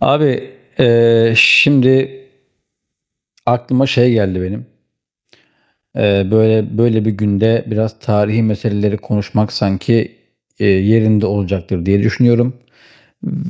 Abi, şimdi aklıma şey geldi benim. Böyle böyle bir günde biraz tarihi meseleleri konuşmak sanki yerinde olacaktır diye düşünüyorum.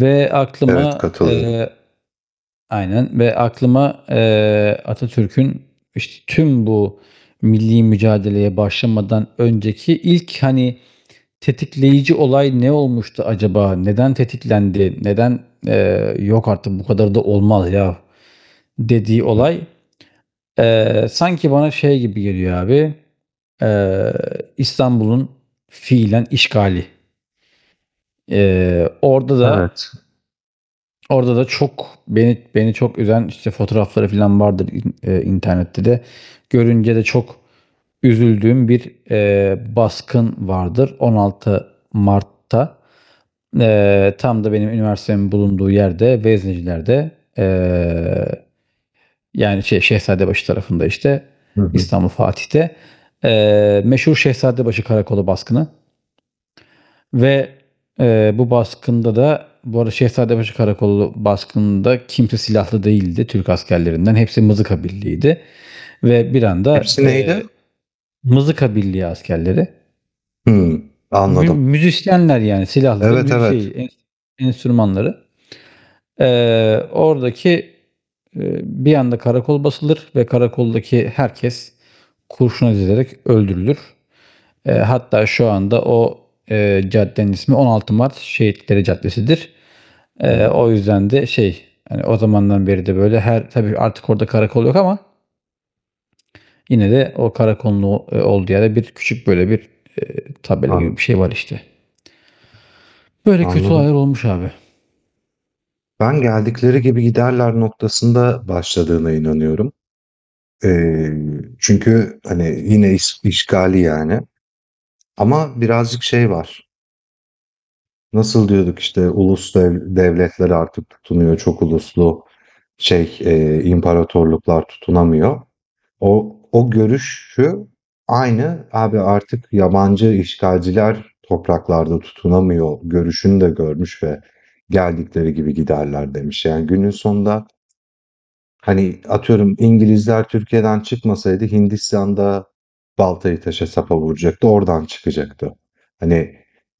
Ve Evet, aklıma katılıyorum. Aynen, ve aklıma Atatürk'ün işte tüm bu milli mücadeleye başlamadan önceki ilk, hani, tetikleyici olay ne olmuştu acaba? Neden tetiklendi? Neden "yok artık bu kadar da olmaz ya" dediği Hı. olay... Sanki bana şey gibi geliyor abi, eee, İstanbul'un fiilen işgali. Eee, orada da Evet. orada da çok beni çok üzen, işte, fotoğrafları filan vardır internette de. Görünce de çok üzüldüğüm bir, baskın vardır. 16 Mart'ta, tam da benim üniversitemin bulunduğu yerde, Vezneciler'de, eee yani şey, Şehzadebaşı tarafında, işte, Hı hı. İstanbul Fatih'te, meşhur Şehzadebaşı Karakolu baskını. Ve bu baskında da, bu arada, Şehzadebaşı Karakolu baskında kimse silahlı değildi Türk askerlerinden. Hepsi mızıka birliğiydi. Ve bir anda, Hepsi neydi? Mızıka birliği askerleri, Hı, anladım. müzisyenler yani, silahları Evet, evet. Enstrümanları. Oradaki, e, bir anda karakol basılır ve karakoldaki herkes kurşuna dizilerek öldürülür. Hatta şu anda o, caddenin ismi 16 Mart Şehitleri Caddesi'dir. Hı, O yüzden de şey, yani o zamandan beri de böyle her, tabii artık orada karakol yok ama yine de o karakolun olduğu yerde bir küçük böyle bir, tabela an- gibi bir şey var işte. Böyle kötü olaylar anladım. olmuş abi. Ben "geldikleri gibi giderler" noktasında başladığına inanıyorum. Ee, Çünkü hani yine işgali yani. Ama birazcık şey var. Nasıl diyorduk, işte ulus devletler artık tutunuyor. Çok uluslu şey, imparatorluklar tutunamıyor. O görüş şu, aynı abi, artık yabancı işgalciler topraklarda tutunamıyor görüşünü de görmüş ve geldikleri gibi giderler demiş. Yani günün sonunda, hani, atıyorum, İngilizler Türkiye'den çıkmasaydı Hindistan'da baltayı taşa sapa vuracaktı, oradan çıkacaktı. Hani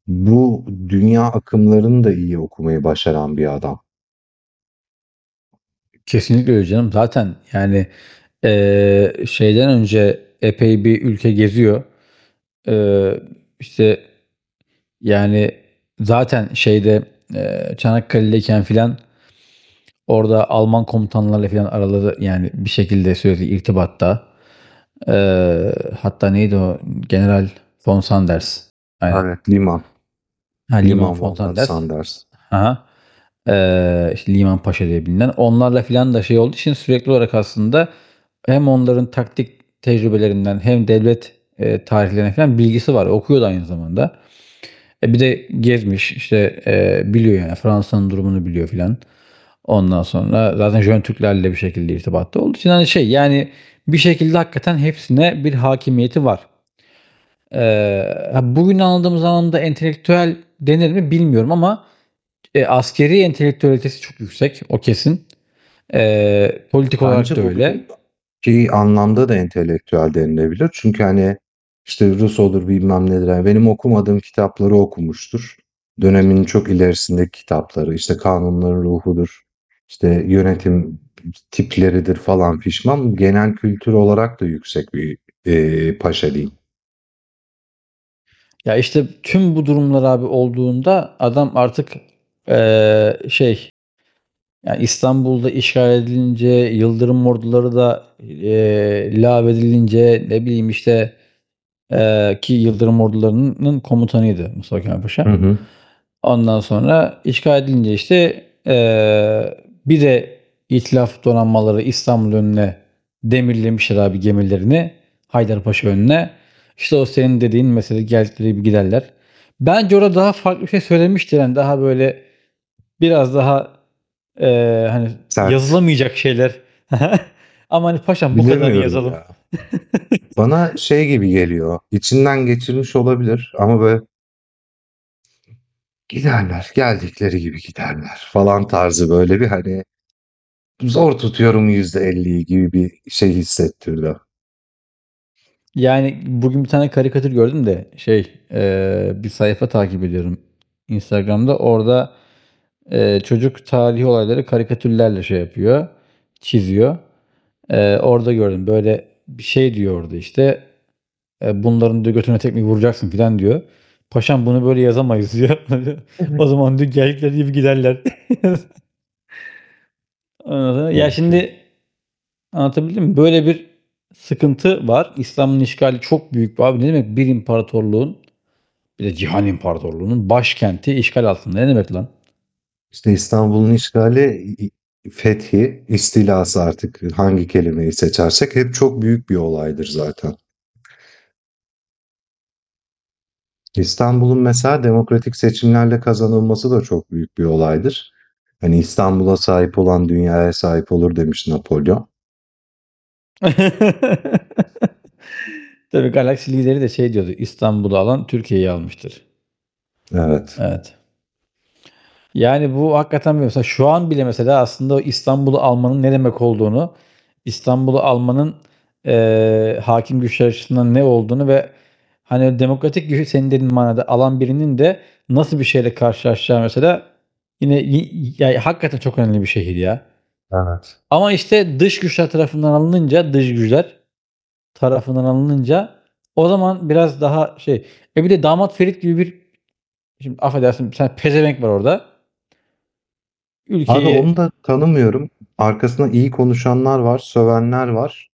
bu dünya akımlarını da iyi okumayı başaran bir adam. Kesinlikle öyle canım. Zaten yani, şeyden önce epey bir ülke geziyor. Eee, işte, yani, zaten şeyde, Çanakkale'deyken filan orada Alman komutanlarla filan araları, yani, bir şekilde sürekli irtibatta. Eee, Hatta, neydi o? General von Sanders. Aynen. Evet. Liman, Ha, Liman Liman von Fontanders. Sanders. Hı hı. işte, Liman Paşa diye bilinen. Onlarla filan da şey olduğu için sürekli olarak aslında hem onların taktik tecrübelerinden hem devlet, tarihlerinden filan bilgisi var. Okuyor da aynı zamanda. Bir de gezmiş, işte, biliyor yani, Fransa'nın durumunu biliyor filan. Ondan sonra zaten Jön Türklerle bir şekilde irtibatta olduğu için, hani, şey, yani, bir şekilde hakikaten hepsine bir hakimiyeti var. Eee, Bugün anladığımız anlamda entelektüel denir mi bilmiyorum ama askeri entelektüelitesi çok yüksek. O kesin. Politik olarak Bence da öyle. bugün Ki anlamda da entelektüel denilebilir. Çünkü, hani, işte, Rus olur, bilmem nedir, hani, benim okumadığım kitapları okumuştur. Dönemin çok ilerisindeki kitapları, işte, Kanunların Ruhu'dur, işte, yönetim tipleridir falan fişman. Genel kültür olarak da yüksek bir, paşa diyeyim. Ya işte tüm bu durumlar abi olduğunda adam artık, e, şey, yani İstanbul'da işgal edilince, Yıldırım orduları da lav edilince, ne bileyim işte, ki Yıldırım ordularının komutanıydı Mustafa Kemal Paşa. Hı hı. Ondan sonra işgal edilince, işte, bir de İtilaf donanmaları İstanbul önüne demirlemişler abi, gemilerini. Haydarpaşa önüne. İşte, o senin dediğin mesela, "geldikleri gibi giderler". Bence orada daha farklı bir şey söylemişti. Yani daha böyle, biraz daha hani, Sert. yazılamayacak şeyler. Ama hani paşam, bu kadarını Bilemiyorum yazalım. ya. Bana şey gibi geliyor, içinden geçirmiş olabilir ama böyle "giderler, geldikleri gibi giderler" falan tarzı, böyle bir, hani, zor tutuyorum %50'yi gibi bir şey hissettirdi. Yani bugün bir tane karikatür gördüm de, şey, bir sayfa takip ediyorum Instagram'da. Orada, çocuk tarihi olayları karikatürlerle şey yapıyor, çiziyor. Orada gördüm. Böyle bir şey diyor orada işte, "Bunların," diyor, "götüne tekmeyi vuracaksın," filan diyor. "Paşam bunu böyle yazamayız," diyor. Evet. "O zaman," diyor, "geldikleri gibi giderler." Ondan sonra, ya, Mümkün. şimdi anlatabildim mi? Böyle bir sıkıntı var. İslam'ın işgali çok büyük. Abi, ne demek bir imparatorluğun, bir de cihan imparatorluğunun başkenti işgal altında? Ne demek lan? İşte İstanbul'un işgali, fethi, istilası, artık hangi kelimeyi seçersek hep çok büyük bir olaydır zaten. İstanbul'un mesela demokratik seçimlerle kazanılması da çok büyük bir olaydır. Hani, İstanbul'a sahip olan dünyaya sahip olur demiş Napolyon. Tabii Galaxy lideri de şey diyordu: "İstanbul'u alan Türkiye'yi almıştır." Evet. Evet. Yani bu hakikaten, bir mesela şu an bile, mesela aslında o İstanbul'u almanın ne demek olduğunu, İstanbul'u almanın hakim güçler açısından ne olduğunu ve hani demokratik gücü senin dediğin manada alan birinin de nasıl bir şeyle karşılaşacağı mesela, yine ya hakikaten çok önemli bir şehir ya. Evet. Ama işte dış güçler tarafından alınınca o zaman biraz daha şey. Bir de Damat Ferit gibi bir, şimdi affedersin sen, pezevenk var orada. Abi, onu Ülkeyi... da tanımıyorum. Arkasına iyi konuşanlar var, sövenler var.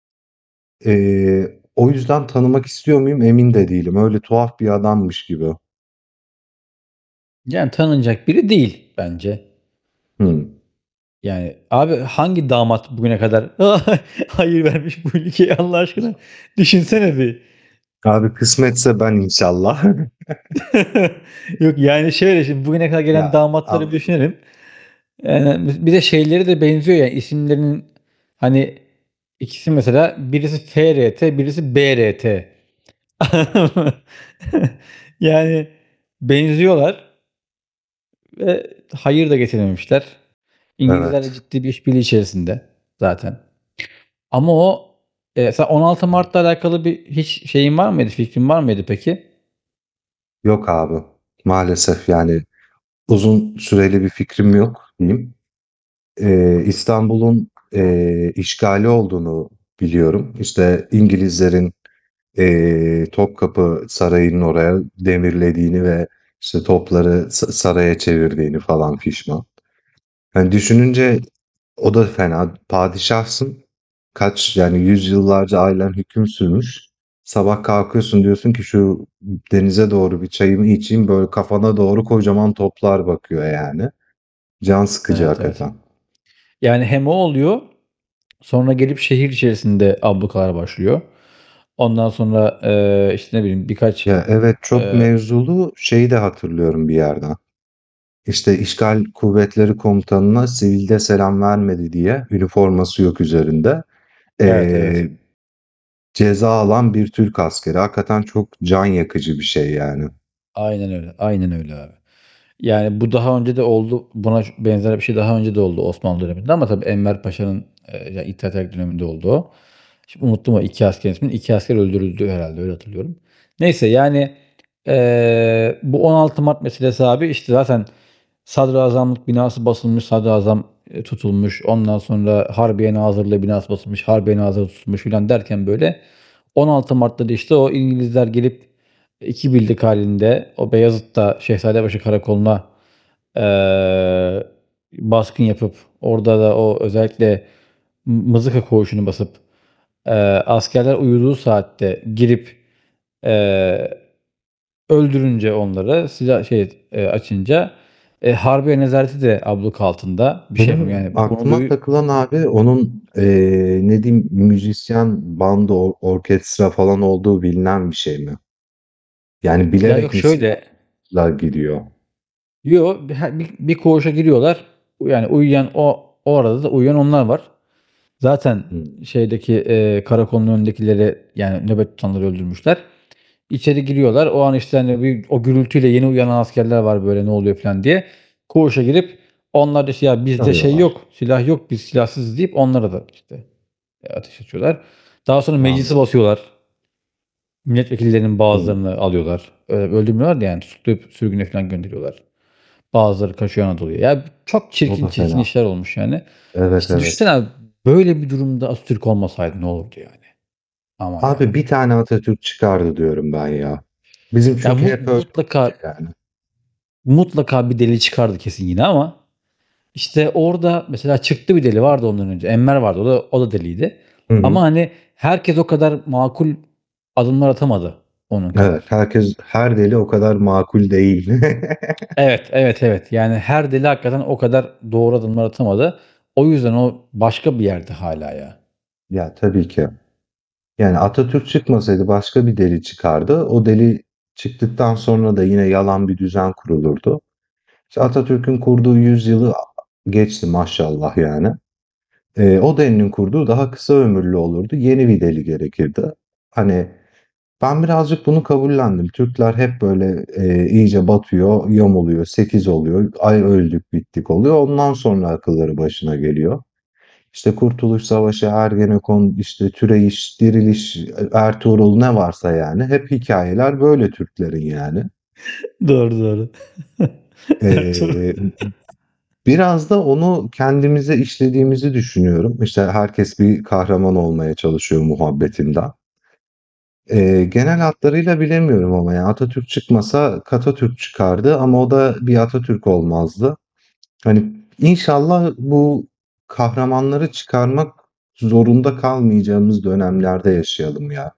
O yüzden tanımak istiyor muyum, emin de değilim. Öyle tuhaf bir adammış gibi. Yani tanınacak biri değil bence. Hımm. Yani abi, hangi damat bugüne kadar hayır vermiş bu ülkeye, Allah aşkına, düşünsene bir. Abi, kısmetse ben, inşallah. Yok, yani şöyle, şimdi bugüne kadar gelen Ya, damatları bir anladım. düşünelim. Yani bir de şeyleri de benziyor yani, isimlerinin, hani, ikisi mesela, birisi FRT, birisi BRT. Yani, benziyorlar ve hayır da getirememişler. İngilizlerle Evet. ciddi bir işbirliği içerisinde zaten. Ama o, sen 16 Mart'la alakalı bir hiç şeyin var mıydı, fikrin var mıydı peki? Yok abi, maalesef yani uzun süreli bir fikrim yok diyeyim. İstanbul'un, işgali olduğunu biliyorum. İşte İngilizlerin, Topkapı Sarayı'nın oraya demirlediğini ve işte topları saraya çevirdiğini falan fişman. Hani düşününce, o da fena. Padişahsın. Kaç yani, yüzyıllarca ailen hüküm sürmüş. Sabah kalkıyorsun, diyorsun ki şu denize doğru bir çayımı içeyim. Böyle kafana doğru kocaman toplar bakıyor yani. Can sıkıcı Evet, evet. hakikaten. Yani hem o oluyor, sonra gelip şehir içerisinde ablukalar başlıyor. Ondan sonra, işte, ne bileyim birkaç, Ya evet, çok eee mevzulu şeyi de hatırlıyorum bir yerden. İşte işgal kuvvetleri komutanına sivilde selam vermedi diye, üniforması yok üzerinde. evet, Ee, evet. Ceza alan bir Türk askeri. Hakikaten çok can yakıcı bir şey yani. Aynen öyle. Aynen öyle abi. Yani bu daha önce de oldu. Buna benzer bir şey daha önce de oldu Osmanlı döneminde, ama tabii Enver Paşa'nın, ya, İttihat Terakki döneminde oldu o. Şimdi unuttum o 2 asker ismini. 2 asker öldürüldü herhalde, öyle hatırlıyorum. Neyse yani, bu 16 Mart meselesi abi, işte, zaten sadrazamlık binası basılmış, sadrazam, tutulmuş. Ondan sonra Harbiye Nazırlığı binası basılmış, Harbiye Nazırı tutulmuş filan derken, böyle, 16 Mart'ta da, işte, o İngilizler gelip 2 bildik halinde o Beyazıt'ta Şehzadebaşı Karakolu'na, eee, baskın yapıp, orada da o özellikle Mızıka Koğuşu'nu basıp, eee, askerler uyuduğu saatte girip, eee, öldürünce onları, silah şey, açınca, Harbiye Nezareti de abluk altında. Bir şey yapamıyor Benim yani, bunu aklıma takılan abi, onun, ne diyeyim, müzisyen, bandı, orkestra falan olduğu bilinen bir şey mi? Yani Ya, yok bilerek mi şöyle, silahlar gidiyor? Her bir koğuşa giriyorlar. Yani uyuyan, o arada da uyuyan onlar var. Zaten Hımm. şeydeki, karakolun önündekileri, yani nöbet tutanları öldürmüşler. İçeri giriyorlar. O an, işte, hani, bir o gürültüyle yeni uyanan askerler var, böyle, "Ne oluyor?" falan diye. Koğuşa girip onlar da, işte, "Ya, bizde şey Arıyorlar. yok, silah yok, biz silahsızız," deyip onlara da, işte, ateş açıyorlar. Daha sonra meclisi Anladım. basıyorlar. Milletvekillerinin Hımm. bazılarını alıyorlar. Öldürmüyorlar da, yani, tutuklayıp sürgüne falan gönderiyorlar. Bazıları kaçıyor Anadolu'ya. Ya çok O çirkin da çirkin fena. işler olmuş yani. Evet, İşte düşünsene evet. abi, böyle bir durumda Atatürk olmasaydı ne olurdu yani? Aman Abi, bir yarabbi. tane Atatürk çıkardı diyorum ben ya. Bizim Ya çünkü hep öyle mutlaka, olmuş yani. mutlaka bir deli çıkardı kesin yine, ama işte orada mesela çıktı. Bir deli vardı ondan önce. Enver vardı, o da, o da deliydi. Hı Ama hı. hani herkes o kadar makul adımlar atamadı onun Evet, kadar. herkes, her deli o kadar makul değil. Evet, evet, evet. Yani her deli hakikaten o kadar doğru adımlar atamadı. O yüzden o başka bir yerde hala ya. Ya, tabii ki. Yani Atatürk çıkmasaydı başka bir deli çıkardı. O deli çıktıktan sonra da yine yalan bir düzen kurulurdu. İşte Atatürk'ün kurduğu yüzyılı geçti maşallah yani. O delinin kurduğu daha kısa ömürlü olurdu. Yeni bir deli gerekirdi. Hani ben birazcık bunu kabullendim. Türkler hep böyle, iyice batıyor, yamuluyor, 8 oluyor, ay öldük bittik oluyor. Ondan sonra akılları başına geliyor. İşte Kurtuluş Savaşı, Ergenekon, işte Türeyiş, Diriliş, Ertuğrul, ne varsa yani, hep hikayeler böyle Türklerin yani. Doğru, doğru. Ertuğrul. Ee, Biraz da onu kendimize işlediğimizi düşünüyorum. İşte herkes bir kahraman olmaya çalışıyor muhabbetinden. Genel hatlarıyla bilemiyorum ama yani Atatürk çıkmasa Katatürk çıkardı ama o da bir Atatürk olmazdı. Hani, inşallah bu kahramanları çıkarmak zorunda kalmayacağımız dönemlerde yaşayalım ya.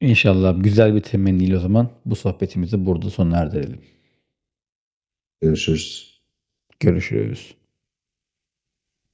İnşallah güzel bir temenniyle o zaman bu sohbetimizi burada sona erdirelim. Görüşürüz. Görüşürüz.